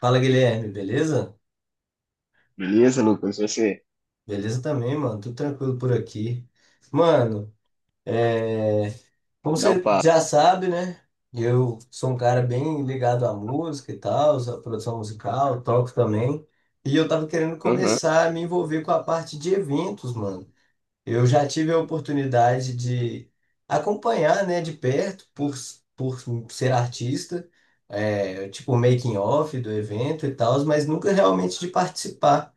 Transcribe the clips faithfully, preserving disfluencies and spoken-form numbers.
Fala, Guilherme, beleza? Beleza, Lucas? Você Beleza também, mano. Tudo tranquilo por aqui. Mano, é... como dá o você papo. já sabe, né? Eu sou um cara bem ligado à música e tal, à produção musical, toco também. E eu tava querendo Aham, começar a me envolver com a parte de eventos, mano. Eu já tive a oportunidade de acompanhar, né, de perto, por, por ser artista, é, tipo, making of do evento e tal, mas nunca realmente de participar.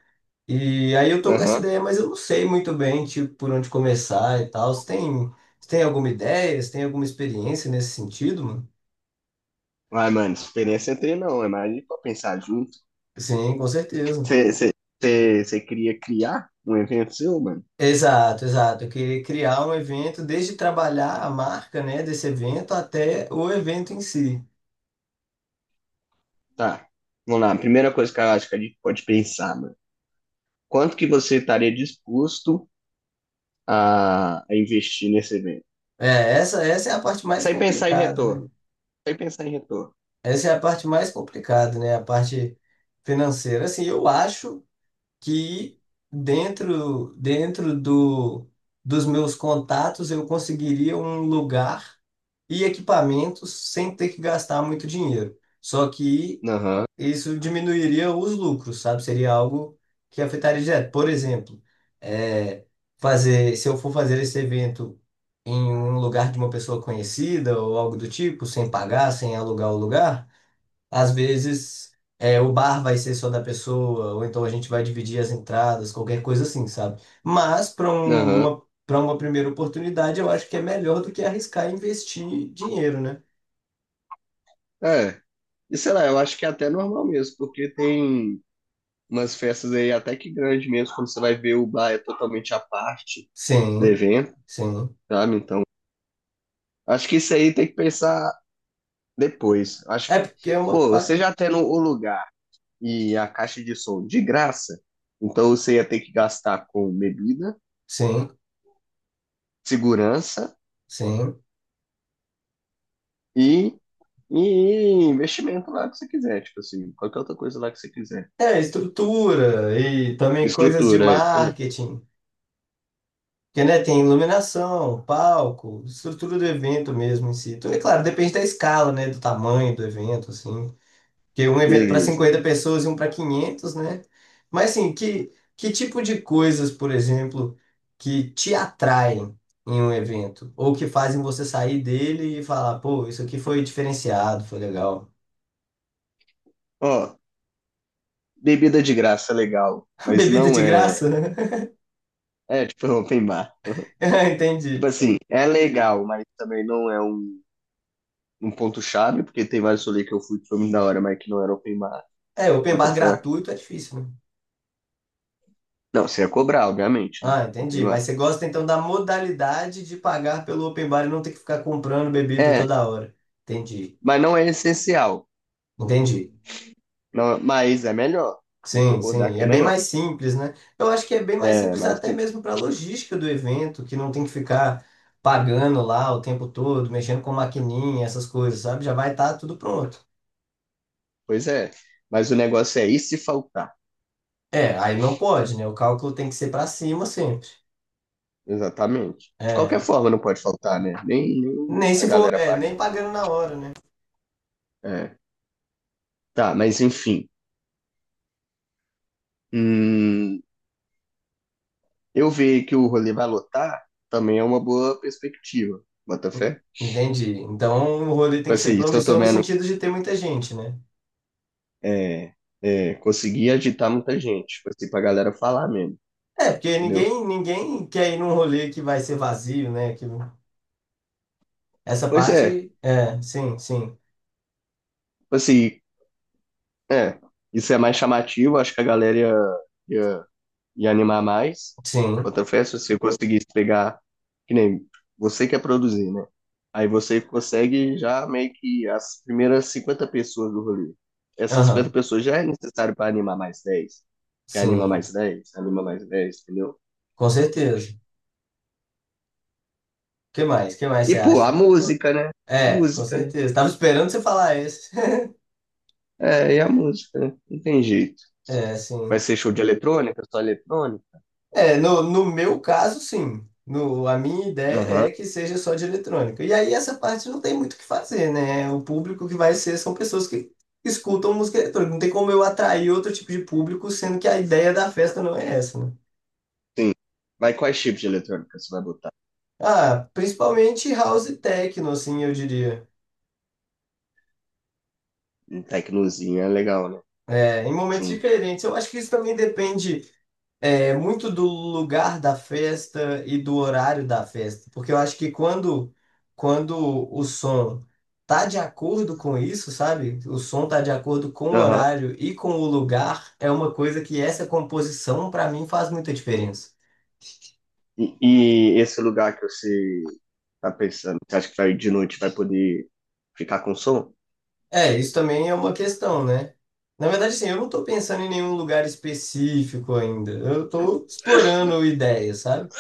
E aí eu tô com essa aham. ideia, mas eu não sei muito bem, tipo, por onde começar e tal. Você tem, você tem alguma ideia? Você tem alguma experiência nesse sentido, mano? Vai, mano, experiência é ter, não. É mais ali pra pensar junto. Sim, com certeza. Você queria criar um evento seu, mano? Exato, exato. Eu queria criar um evento, desde trabalhar a marca, né, desse evento até o evento em si. Tá. Vamos lá. A primeira coisa que eu acho que a gente pode pensar, mano. Quanto que você estaria disposto a, a investir nesse evento? É, essa, essa é a parte mais Sem pensar em complicada, né? retorno. Sem pensar em retorno. Essa é a parte mais complicada, né? A parte financeira. Assim, eu acho. Que dentro dentro do, dos meus contatos eu conseguiria um lugar e equipamentos sem ter que gastar muito dinheiro. Só que Aham, isso diminuiria os lucros, sabe? Seria algo que afetaria direto. Por exemplo, é, fazer, se eu for fazer esse evento em um lugar de uma pessoa conhecida ou algo do tipo, sem pagar, sem alugar o lugar às vezes é, o bar vai ser só da pessoa, ou então a gente vai dividir as entradas, qualquer coisa assim, sabe? Mas para aham. uma, para uma primeira oportunidade, eu acho que é melhor do que arriscar e investir dinheiro, né? É. E sei lá, eu acho que é até normal mesmo, porque tem umas festas aí até que grande mesmo, quando você vai ver o bar é totalmente à parte. Sim, Devendo, sim. sabe? Então, acho que isso aí tem que pensar depois. Acho É que, porque é uma. pô, pa- você já tendo o lugar e a caixa de som de graça, então você ia ter que gastar com bebida, Sim, segurança sim. e, e investimento lá que você quiser, tipo assim, qualquer outra coisa lá que você quiser. É, estrutura e também coisas de Estrutura, é isso mesmo. marketing. Porque, né, tem iluminação, palco, estrutura do evento mesmo em si. Então, é claro, depende da escala, né, do tamanho do evento, assim. Que um evento para Beleza. cinquenta pessoas e um para quinhentas, né? Mas assim, que, que tipo de coisas, por exemplo, que te atraem em um evento? Ou que fazem você sair dele e falar, pô, isso aqui foi diferenciado, foi legal. Ó, bebida de graça é legal, mas Bebida não de é. graça, né? É, tipo, open bar. Ah, Tipo Entendi. assim, é legal, mas também não é um num ponto-chave, porque tem vários rolês que eu fui que foi muito da hora, mas que não era open bar. É, open Bota bar fé. gratuito é difícil, né? Não, você ia cobrar, obviamente, né? Ah, Open entendi. Mas bar. você gosta então da modalidade de pagar pelo open bar e não ter que ficar comprando bebida É, toda hora. Entendi. mas não é essencial. Entendi. Não, mas é melhor. Vou Sim, concordar sim, que é é bem melhor. mais simples, né? Eu acho que é bem mais É, simples mas até sim, mesmo para a logística do evento, que não tem que ficar pagando lá o tempo todo, mexendo com maquininha, essas coisas, sabe? Já vai estar tudo pronto. pois é. Mas o negócio é, e se faltar? É, aí não pode, né? O cálculo tem que ser para cima sempre. Exatamente. De É, qualquer forma, não pode faltar, né? Nem, nem nem a se for, galera é, paga. nem pagando na hora, né? É. Tá, mas enfim. Hum, eu ver que o rolê vai lotar também é uma boa perspectiva. Bota fé? Entendi. Então o rolê tem Tipo que ser assim, se eu tô promissor no vendo sentido de ter muita gente, né? é, é, conseguir agitar muita gente, tipo assim, pra galera falar mesmo, É, porque entendeu? ninguém, ninguém quer ir num rolê que vai ser vazio, né? Que... Essa Pois é, parte, é, sim, sim, tipo assim, é, isso é mais chamativo, acho que a galera ia, ia, ia animar mais. sim. Outra festa, se eu conseguisse pegar, que nem você quer produzir, né? Aí você consegue já meio que as primeiras cinquenta pessoas do rolê. Essas cinquenta Aham, pessoas já é necessário para animar mais dez, que anima sim, mais dez, anima mais dez, entendeu? com certeza. Que mais? Que mais E, você pô, a acha? música, né? É, com Música, né? certeza. Tava esperando você falar esse. É, e a música, né? Não tem jeito. É, Vai sim. ser show de eletrônica, só eletrônica? É, no, no meu caso, sim. No, a minha ideia Aham, é que seja só de eletrônica. E aí essa parte não tem muito o que fazer, né? O público que vai ser são pessoas que escutam música eletrônica. Não tem como eu atrair outro tipo de público, sendo que a ideia da festa não é essa, né? sim. Mas quais tipos de eletrônica você vai botar? Ah, principalmente house e techno, assim, eu diria. Um tecnozinho é legal, né? É, em momentos Junto. diferentes. Eu acho que isso também depende. É muito do lugar da festa e do horário da festa, porque eu acho que quando quando o som tá de acordo com isso, sabe? O som tá de acordo com o Aham. horário e com o lugar, é uma coisa que essa composição para mim faz muita diferença. E, e esse lugar que você tá pensando, você acha que vai de noite vai poder ficar com som? É, isso também é uma questão, né? Na verdade, assim, eu não tô pensando em nenhum lugar específico ainda. Eu tô explorando ideias, sabe?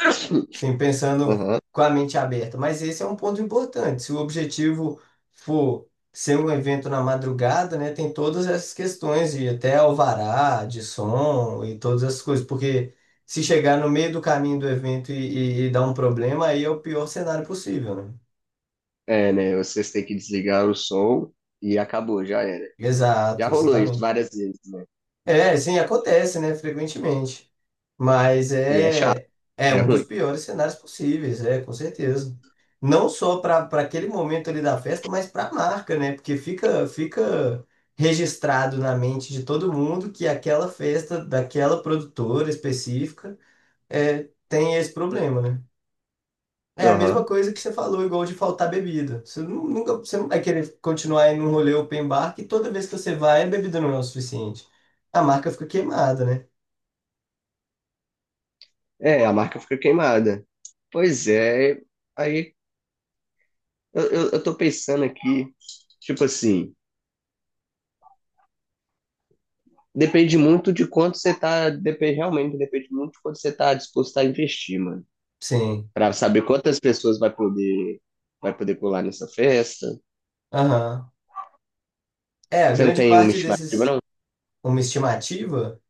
Sim, pensando Aham. com a mente aberta. Mas esse é um ponto importante. Se o objetivo for ser um evento na madrugada, né, tem todas essas questões de até alvará, de som e todas essas coisas. Porque se chegar no meio do caminho do evento e, e, e dar um problema, aí é o pior cenário possível, né? É, né? Vocês têm que desligar o som e acabou, já era. Já Exato, rolou isso exatamente. várias vezes, né? É, sim, acontece, né, frequentemente. Mas E é chato, é, é é um dos ruim. piores cenários possíveis, é, com certeza. Não só para para aquele momento ali da festa, mas para a marca, né? Porque fica fica registrado na mente de todo mundo que aquela festa daquela produtora específica é, tem esse problema, né? É a mesma Aham. coisa que você falou, igual de faltar bebida. Você nu- nunca, você não vai querer continuar em um rolê open bar que toda vez que você vai, a bebida não é o suficiente. A marca fica queimada, né? É, a marca fica queimada. Pois é, aí Eu, eu, eu tô pensando aqui, tipo assim, depende muito de quanto você tá, depende, realmente depende muito de quanto você tá disposto a investir, mano. Sim. Pra saber quantas pessoas vai poder, vai poder pular nessa festa. Aham. É, a Você não grande tem uma parte estimativa, desses, não? uma estimativa?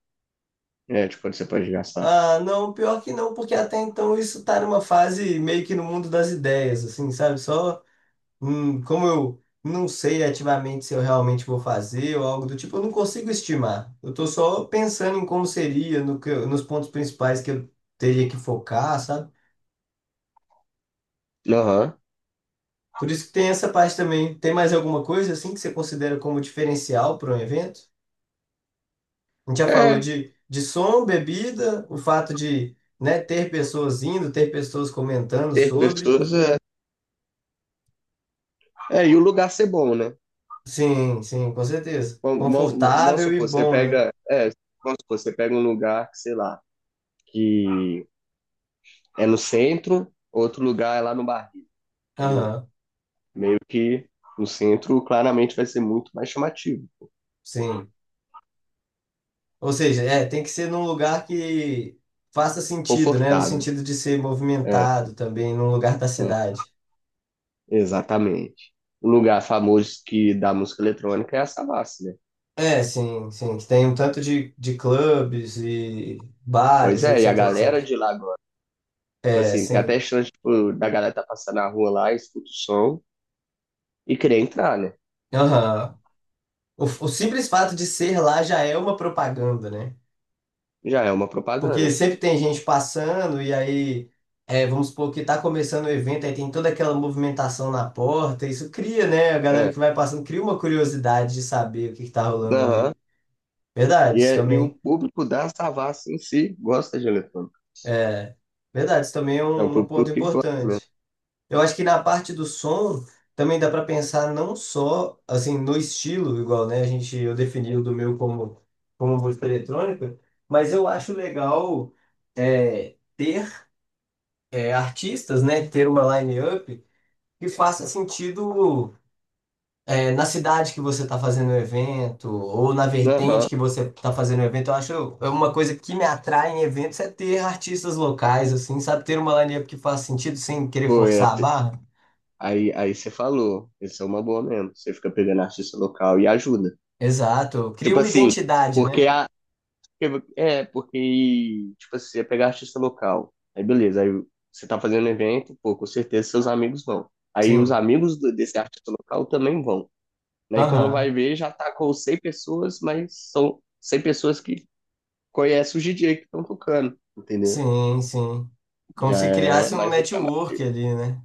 É, tipo, quanto você pode gastar. Ah, não, pior que não, porque até então isso tá numa fase meio que no mundo das ideias, assim, sabe? Só, hum, como eu não sei ativamente se eu realmente vou fazer ou algo do tipo, eu não consigo estimar. Eu tô só pensando em como seria, no que, eu- nos pontos principais que eu teria que focar, sabe? Aham. Por isso que tem essa parte também. Tem mais alguma coisa, assim, que você considera como diferencial para um evento? A gente já falou É, de, de som, bebida, o fato de, né, ter pessoas indo, ter pessoas comentando ter sobre. pessoas é. É, e o lugar ser bom, né? Sim, sim, com certeza. Vamos, vamos, vamos Confortável e supor, você bom, né? pega. É, vamos supor, você pega um lugar, sei lá, que é no centro, outro lugar é lá no barril, entendeu? Aham, Meio que o centro claramente vai ser muito mais chamativo, sim. Ou seja, é, tem que ser num lugar que faça sentido, né? No confortável, sentido de ser movimentado também, num lugar da né? cidade. Exatamente. O lugar famoso que da música eletrônica é a Savassi, né? É, sim, sim. Que tem um tanto de, de clubes e Pois bares, é, etc, e a et cetera. galera de lá agora, tipo É, assim, tem até sim. chance, tipo, da galera tá passando na rua lá, escuta o som e querer entrar, né? Aham. O, o simples fato de ser lá já é uma propaganda, né? Já é uma Porque propaganda, pô. sempre tem gente passando, e aí, é, vamos supor que está começando o evento, aí tem toda aquela movimentação na porta, isso cria, né? A É. galera que vai passando cria uma curiosidade de saber o que está rolando Aham. ali. Verdade, E, isso é- e o também público da Savassi em si gosta de eletrônica. é, verdade, isso também é É um um, um ponto público que gosta mesmo. importante. Eu acho que na parte do som também dá para pensar não só assim no estilo, igual, né? A gente eu defini o do meu como como música eletrônica, mas eu acho legal é, ter é, artistas, né, ter uma line-up que faça sentido é, na cidade que você está fazendo o evento ou na vertente Aham. que você está fazendo o evento. Eu acho é uma coisa que me atrai em eventos é ter artistas locais, assim, sabe? Ter uma line-up que faça sentido sem querer Pô, é forçar a barra. aí, aí você falou, isso é uma boa mesmo. Você fica pegando artista local e ajuda. Exato. Cria Tipo uma assim, identidade, porque né? a. É, porque, tipo assim, você pegar artista local. Aí beleza, aí você tá fazendo evento, pô, com certeza seus amigos vão. Aí os Sim. amigos do- desse artista local também vão. Aí quando vai Aham. ver, já tá com cem pessoas, mas são cem pessoas que conhecem os D J que estão tocando, entendeu? Sim, sim. Como Já se é criasse um mais um chamado. network ali, né?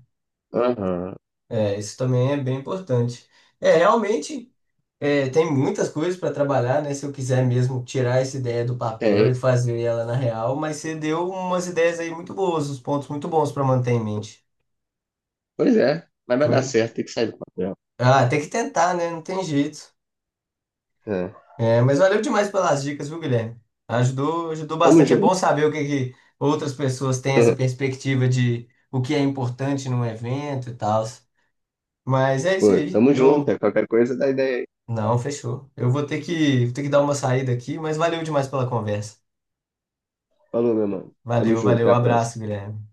Aham, É, isso também é bem importante. É, realmente. É, tem muitas coisas para trabalhar, né? Se eu quiser mesmo tirar essa ideia do papel tem. e fazer ela na real, mas você deu umas ideias aí muito boas, uns pontos muito bons para manter em mente. Pois é, mas vai dar Foi. certo, tem que sair do papel. Ah, tem que tentar, né? Não tem jeito. É. É, mas valeu demais pelas dicas, viu, Guilherme? Ajudou, ajudou Tamo bastante. É junto. bom saber o que, que outras pessoas têm essa perspectiva de o que é importante num evento e tal. Mas é isso Pô, aí. tamo junto, Eu. é. Qualquer coisa dá ideia aí. Não, fechou. Eu vou ter que, vou ter que, dar uma saída aqui, mas valeu demais pela conversa. Falou, meu mano. Tamo Valeu, junto, até valeu, a próxima. abraço, Guilherme.